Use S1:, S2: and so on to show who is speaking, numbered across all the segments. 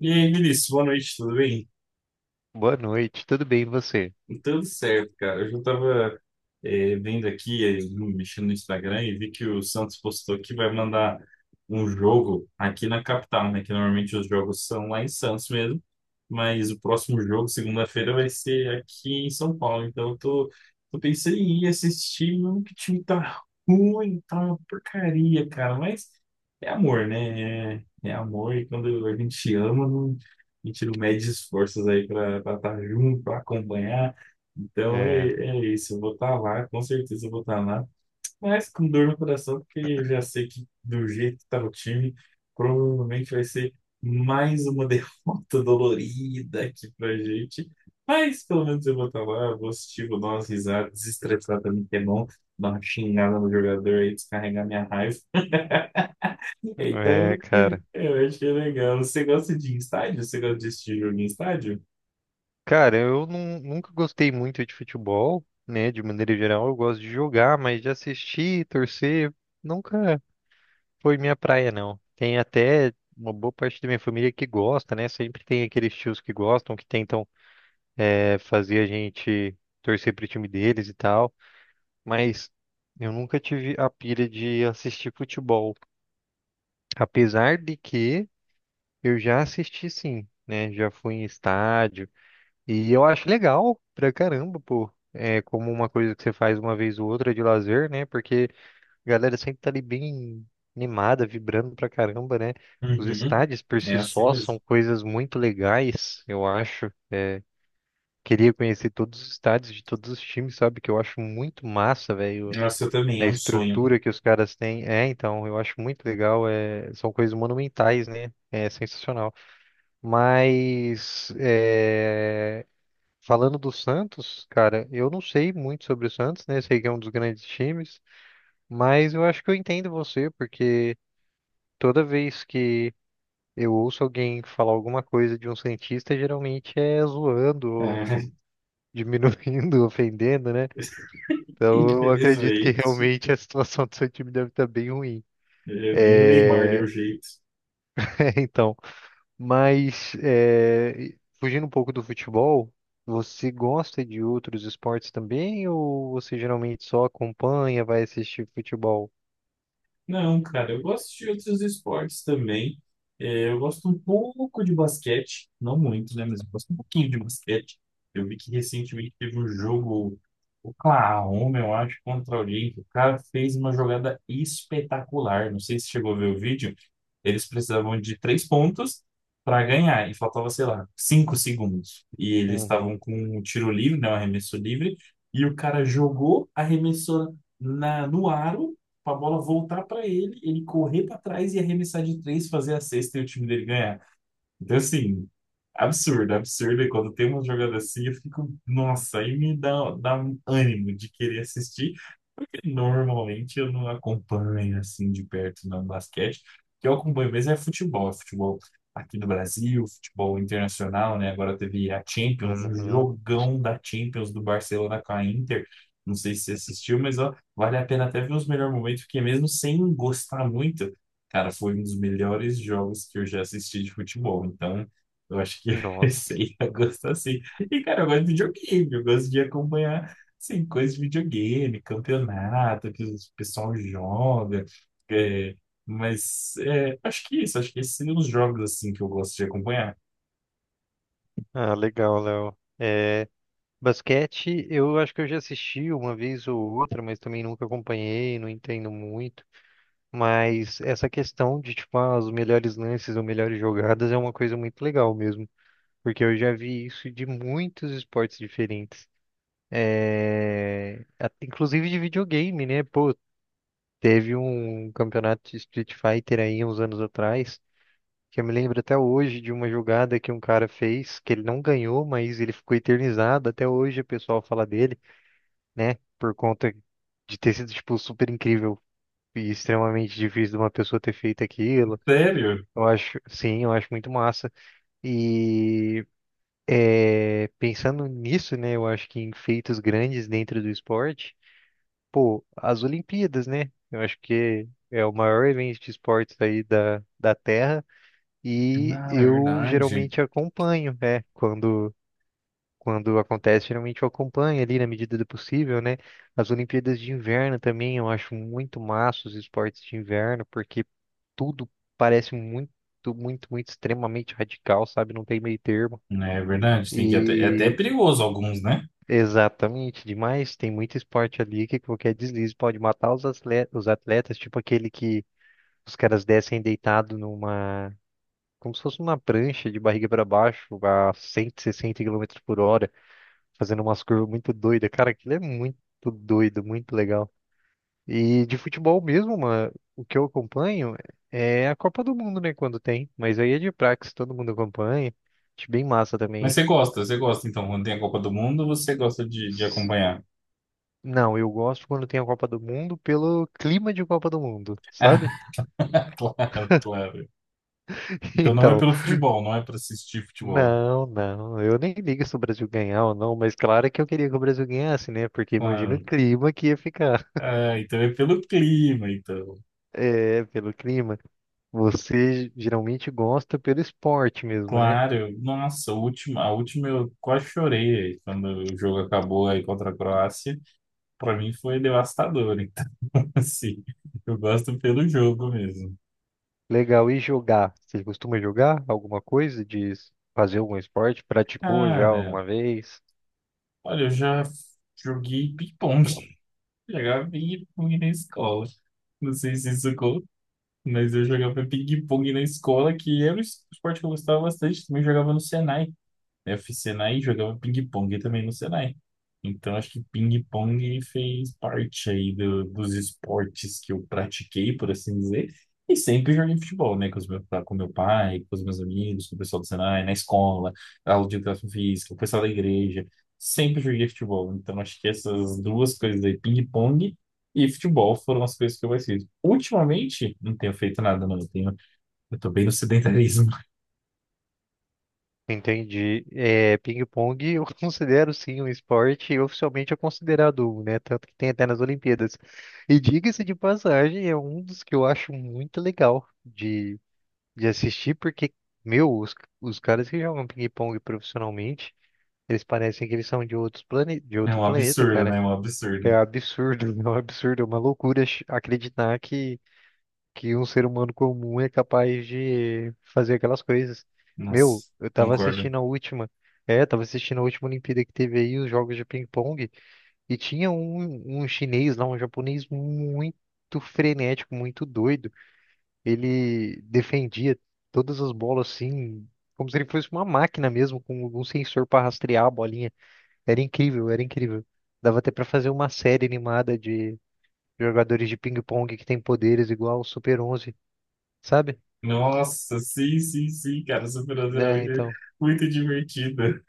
S1: E aí, Vinícius, boa noite, tudo bem?
S2: Boa noite, tudo bem e você?
S1: Tudo certo, cara. Eu já tava vendo aqui, mexendo no Instagram e vi que o Santos postou que vai mandar um jogo aqui na capital, né? Que normalmente os jogos são lá em Santos mesmo, mas o próximo jogo, segunda-feira, vai ser aqui em São Paulo. Então eu tô, pensando em ir assistir, mano, que o time tá ruim, tá uma porcaria, cara. Mas é amor, né? É amor e quando a gente ama, a gente não mede esforços aí pra estar junto, pra acompanhar. Então
S2: É,
S1: é isso, eu vou estar lá, com certeza eu vou estar lá, mas com dor no coração, porque já sei que do jeito que está o time, provavelmente vai ser mais uma derrota dolorida aqui pra gente. Mas pelo menos eu vou estar lá, eu vou assistir, vou dar umas risadas, desestressar também, que é bom, dar uma xingada no jogador aí, descarregar minha raiva.
S2: é,
S1: Então,
S2: cara.
S1: eu acho que é legal. Você gosta de ir em estádio? Você gosta de assistir jogo em estádio?
S2: Cara, nunca gostei muito de futebol, né? De maneira geral, eu gosto de jogar, mas de assistir, torcer, nunca foi minha praia, não. Tem até uma boa parte da minha família que gosta, né? Sempre tem aqueles tios que gostam, que tentam, fazer a gente torcer pro time deles e tal, mas eu nunca tive a pira de assistir futebol. Apesar de que. Eu já assisti sim, né? Já fui em estádio e eu acho legal pra caramba, pô. É como uma coisa que você faz uma vez ou outra de lazer, né? Porque a galera sempre tá ali bem animada, vibrando pra caramba, né? Os
S1: Uhum.
S2: estádios por
S1: É
S2: si
S1: assim
S2: só
S1: mesmo.
S2: são coisas muito legais, eu acho. Queria conhecer todos os estádios de todos os times, sabe? Que eu acho muito massa, velho.
S1: Nossa, também é
S2: A
S1: um sonho.
S2: estrutura que os caras têm. É, então, eu acho muito legal. É... São coisas monumentais, né? É sensacional. Mas é, falando do Santos, cara, eu não sei muito sobre o Santos, né? Sei que é um dos grandes times, mas eu acho que eu entendo você, porque toda vez que eu ouço alguém falar alguma coisa de um Santista, geralmente é zoando, ou
S1: É,
S2: diminuindo, ofendendo, né? Então eu acredito que
S1: infelizmente,
S2: realmente a situação do seu time deve estar bem ruim.
S1: é, nem o Neymar deu
S2: É,
S1: jeito.
S2: então. Mas é, fugindo um pouco do futebol, você gosta de outros esportes também ou você geralmente só acompanha, vai assistir futebol?
S1: Não, cara, eu gosto de outros esportes também. É, eu gosto um pouco de basquete, não muito, né? Mas eu gosto um pouquinho de basquete. Eu vi que recentemente teve um jogo, Oklahoma, eu acho, contra alguém, que o cara fez uma jogada espetacular. Não sei se chegou a ver o vídeo. Eles precisavam de três pontos para ganhar, e faltava, sei lá, 5 segundos. E eles
S2: Uhum,
S1: estavam com um tiro livre, né, um arremesso livre, e o cara jogou, a arremessora no aro, para a bola voltar para ele, ele correr para trás e arremessar de três, fazer a cesta e o time dele ganhar. Então, assim, absurdo, absurdo. E quando tem uma jogada assim, eu fico, nossa, dá um ânimo de querer assistir, porque normalmente eu não acompanho assim de perto no basquete. O que eu acompanho mesmo é futebol aqui do Brasil, futebol internacional, né? Agora teve a Champions, o
S2: uhum.
S1: jogão da Champions do Barcelona com a Inter. Não sei se você assistiu, mas ó, vale a pena até ver os melhores momentos, porque mesmo sem gostar muito. Cara, foi um dos melhores jogos que eu já assisti de futebol, então eu acho que você
S2: Nossa.
S1: ia gostar sim. E, cara, eu gosto de videogame, eu gosto de acompanhar, assim, coisas de videogame, campeonato, que o pessoal joga, é, mas acho que é isso, acho que esses seriam os jogos, assim, que eu gosto de acompanhar.
S2: Ah, legal, Léo. É, basquete, eu acho que eu já assisti uma vez ou outra, mas também nunca acompanhei, não entendo muito. Mas essa questão de, tipo, ah, os melhores lances ou melhores jogadas é uma coisa muito legal mesmo, porque eu já vi isso de muitos esportes diferentes. É, inclusive de videogame, né? Pô, teve um campeonato de Street Fighter aí uns anos atrás, que eu me lembro até hoje de uma jogada que um cara fez, que ele não ganhou, mas ele ficou eternizado. Até hoje o pessoal fala dele, né? Por conta de ter sido, tipo, super incrível e extremamente difícil de uma pessoa ter feito aquilo.
S1: Sério?
S2: Eu acho, sim, eu acho muito massa. E é, pensando nisso, né? Eu acho que em feitos grandes dentro do esporte. As Olimpíadas, né? Eu acho que é o maior evento de esportes aí da Terra e
S1: Cara, é
S2: eu
S1: verdade.
S2: geralmente acompanho, né? Quando, quando acontece, geralmente eu acompanho ali na medida do possível, né? As Olimpíadas de Inverno também, eu acho muito massa os esportes de inverno, porque tudo parece muito, muito, muito extremamente radical, sabe? Não tem meio termo.
S1: É verdade, tem que é até
S2: e
S1: perigoso alguns, né?
S2: Exatamente, demais. Tem muito esporte ali que qualquer deslize pode matar os atletas, tipo aquele que os caras descem deitado numa, como se fosse uma prancha de barriga para baixo a 160 km por hora, fazendo umas curvas muito doidas. Cara, aquilo é muito doido, muito legal. E de futebol mesmo, mano, o que eu acompanho é a Copa do Mundo, né, quando tem, mas aí é de praxe, todo mundo acompanha. Acho bem massa
S1: Mas
S2: também.
S1: você gosta, então, quando tem a Copa do Mundo, você gosta de acompanhar.
S2: Não, eu gosto quando tem a Copa do Mundo pelo clima de Copa do Mundo, sabe?
S1: Claro, claro. Então não é
S2: Então,
S1: pelo futebol, não é para assistir futebol.
S2: não, não, eu nem ligo se o Brasil ganhar ou não, mas claro que eu queria que o Brasil ganhasse, né? Porque imagina o
S1: Claro.
S2: clima que ia ficar.
S1: Ah, então é pelo clima, então.
S2: É, pelo clima. Você geralmente gosta pelo esporte mesmo, né?
S1: Claro, nossa, a última eu quase chorei aí, quando o jogo acabou aí contra a Croácia. Para mim foi devastador, então assim, eu gosto pelo jogo mesmo.
S2: Legal, e jogar? Você costuma jogar alguma coisa? De fazer algum esporte? Praticou já
S1: Cara,
S2: alguma vez?
S1: olha, eu já joguei ping-pong, jogava ping-pong na escola. Não sei se isso conta, mas eu jogava ping-pong na escola, que era um esporte que eu gostava bastante, também jogava no Senai. Eu fiz Senai e jogava ping-pong também no Senai. Então, acho que ping-pong fez parte aí dos esportes que eu pratiquei, por assim dizer. E sempre joguei futebol, né? Com meu pai, com os meus amigos, com o pessoal do Senai, na escola, aula de educação física, o pessoal da igreja. Sempre joguei futebol. Então, acho que essas duas coisas aí, ping-pong e futebol, foram as coisas que eu mais fiz. Ultimamente, não tenho feito nada, não. Eu tô bem no sedentarismo.
S2: Entendi. É, ping-pong eu considero sim um esporte e oficialmente é considerado um, né? Tanto que tem até nas Olimpíadas. E diga-se de passagem, é um dos que eu acho muito legal de assistir, porque, meu, os caras que jogam ping-pong profissionalmente, eles parecem que eles são de de
S1: É
S2: outro
S1: um
S2: planeta,
S1: absurdo, né?
S2: cara.
S1: É um
S2: É
S1: absurdo.
S2: absurdo, é um absurdo, é uma loucura acreditar que um ser humano comum é capaz de fazer aquelas coisas. Meu,
S1: Nossa,
S2: eu tava
S1: concordo.
S2: assistindo a última, é, tava assistindo a última Olimpíada que teve aí, os jogos de ping-pong, e tinha um chinês lá, um japonês muito frenético, muito doido. Ele defendia todas as bolas assim, como se ele fosse uma máquina mesmo, com um sensor para rastrear a bolinha. Era incrível, era incrível. Dava até pra fazer uma série animada de jogadores de ping-pong que tem poderes igual ao Super 11, sabe?
S1: Nossa, sim, sim, sim, cara, essa finança era
S2: É,
S1: muito,
S2: então,
S1: muito divertida.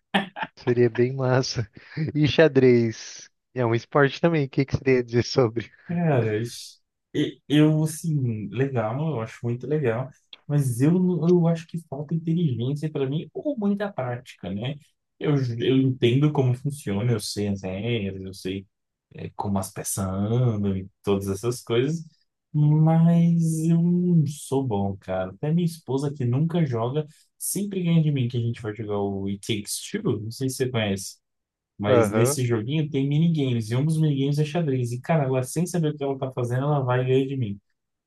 S2: seria bem massa. E xadrez? É um esporte também, o que que você ia dizer sobre?
S1: Cara, ixi, eu, assim, legal, eu acho muito legal, mas eu acho que falta inteligência para mim ou muita prática, né? Eu entendo como funciona, eu sei as regras, eu sei como as peças andam e todas essas coisas, mas eu não sou bom, cara. Até minha esposa, que nunca joga, sempre ganha de mim que a gente vai jogar o It Takes Two, não sei se você conhece. Mas
S2: Aham.
S1: nesse joguinho tem minigames, e um dos minigames é xadrez. E, cara, ela sem saber o que ela tá fazendo, ela vai e ganha de mim.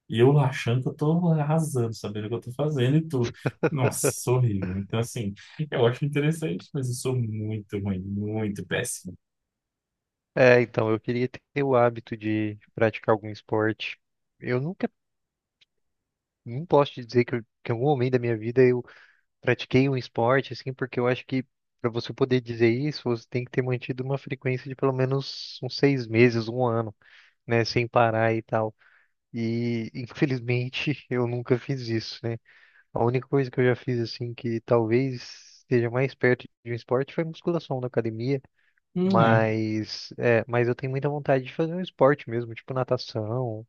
S1: E eu lá achando que eu tô arrasando, sabendo o que eu tô fazendo e tudo. Nossa, sou horrível. Então, assim, eu acho interessante, mas eu sou muito ruim, muito péssimo.
S2: É, então, eu queria ter o hábito de praticar algum esporte. Eu nunca, não posso te dizer que, que em algum momento da minha vida eu pratiquei um esporte, assim, porque eu acho que para você poder dizer isso, você tem que ter mantido uma frequência de pelo menos uns 6 meses, 1 ano, né, sem parar e tal. E, infelizmente, eu nunca fiz isso, né? A única coisa que eu já fiz assim que talvez seja mais perto de um esporte foi musculação na academia,
S1: Não é.
S2: mas é, mas eu tenho muita vontade de fazer um esporte mesmo, tipo natação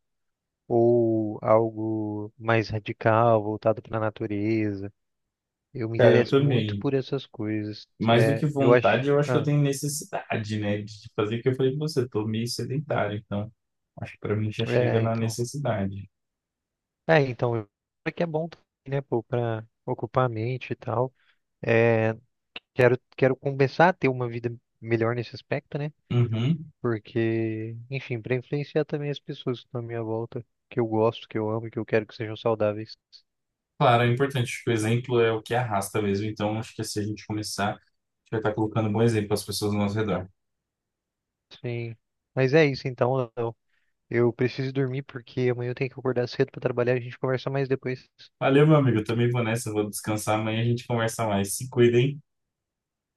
S2: ou algo mais radical, voltado para a natureza. Eu me
S1: Cara, eu
S2: interesso muito
S1: também.
S2: por essas coisas.
S1: Mais do
S2: É,
S1: que
S2: eu
S1: vontade,
S2: acho,
S1: eu acho que eu
S2: ah,
S1: tenho necessidade, né, de fazer o que eu falei pra você. Tô meio sedentário, então acho que pra mim já chega
S2: é,
S1: na
S2: então.
S1: necessidade.
S2: É, então, é que é bom, também, né, pô, para ocupar a mente e tal. É, quero começar a ter uma vida melhor nesse aspecto, né?
S1: Uhum.
S2: Porque, enfim, para influenciar também as pessoas que estão à minha volta, que eu gosto, que eu amo, e que eu quero que sejam saudáveis.
S1: Claro, é importante. Acho que o exemplo é o que arrasta mesmo. Então acho que se a gente começar, a gente vai estar colocando um bom exemplo às pessoas ao nosso redor.
S2: Sim. Mas é isso então, Léo. Eu preciso dormir porque amanhã eu tenho que acordar cedo para trabalhar. A gente conversa mais depois.
S1: Valeu, meu amigo. Eu também vou nessa. Vou descansar. Amanhã a gente conversa mais. Se cuidem.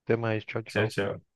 S2: Até mais. Tchau,
S1: Tchau,
S2: tchau.
S1: tchau.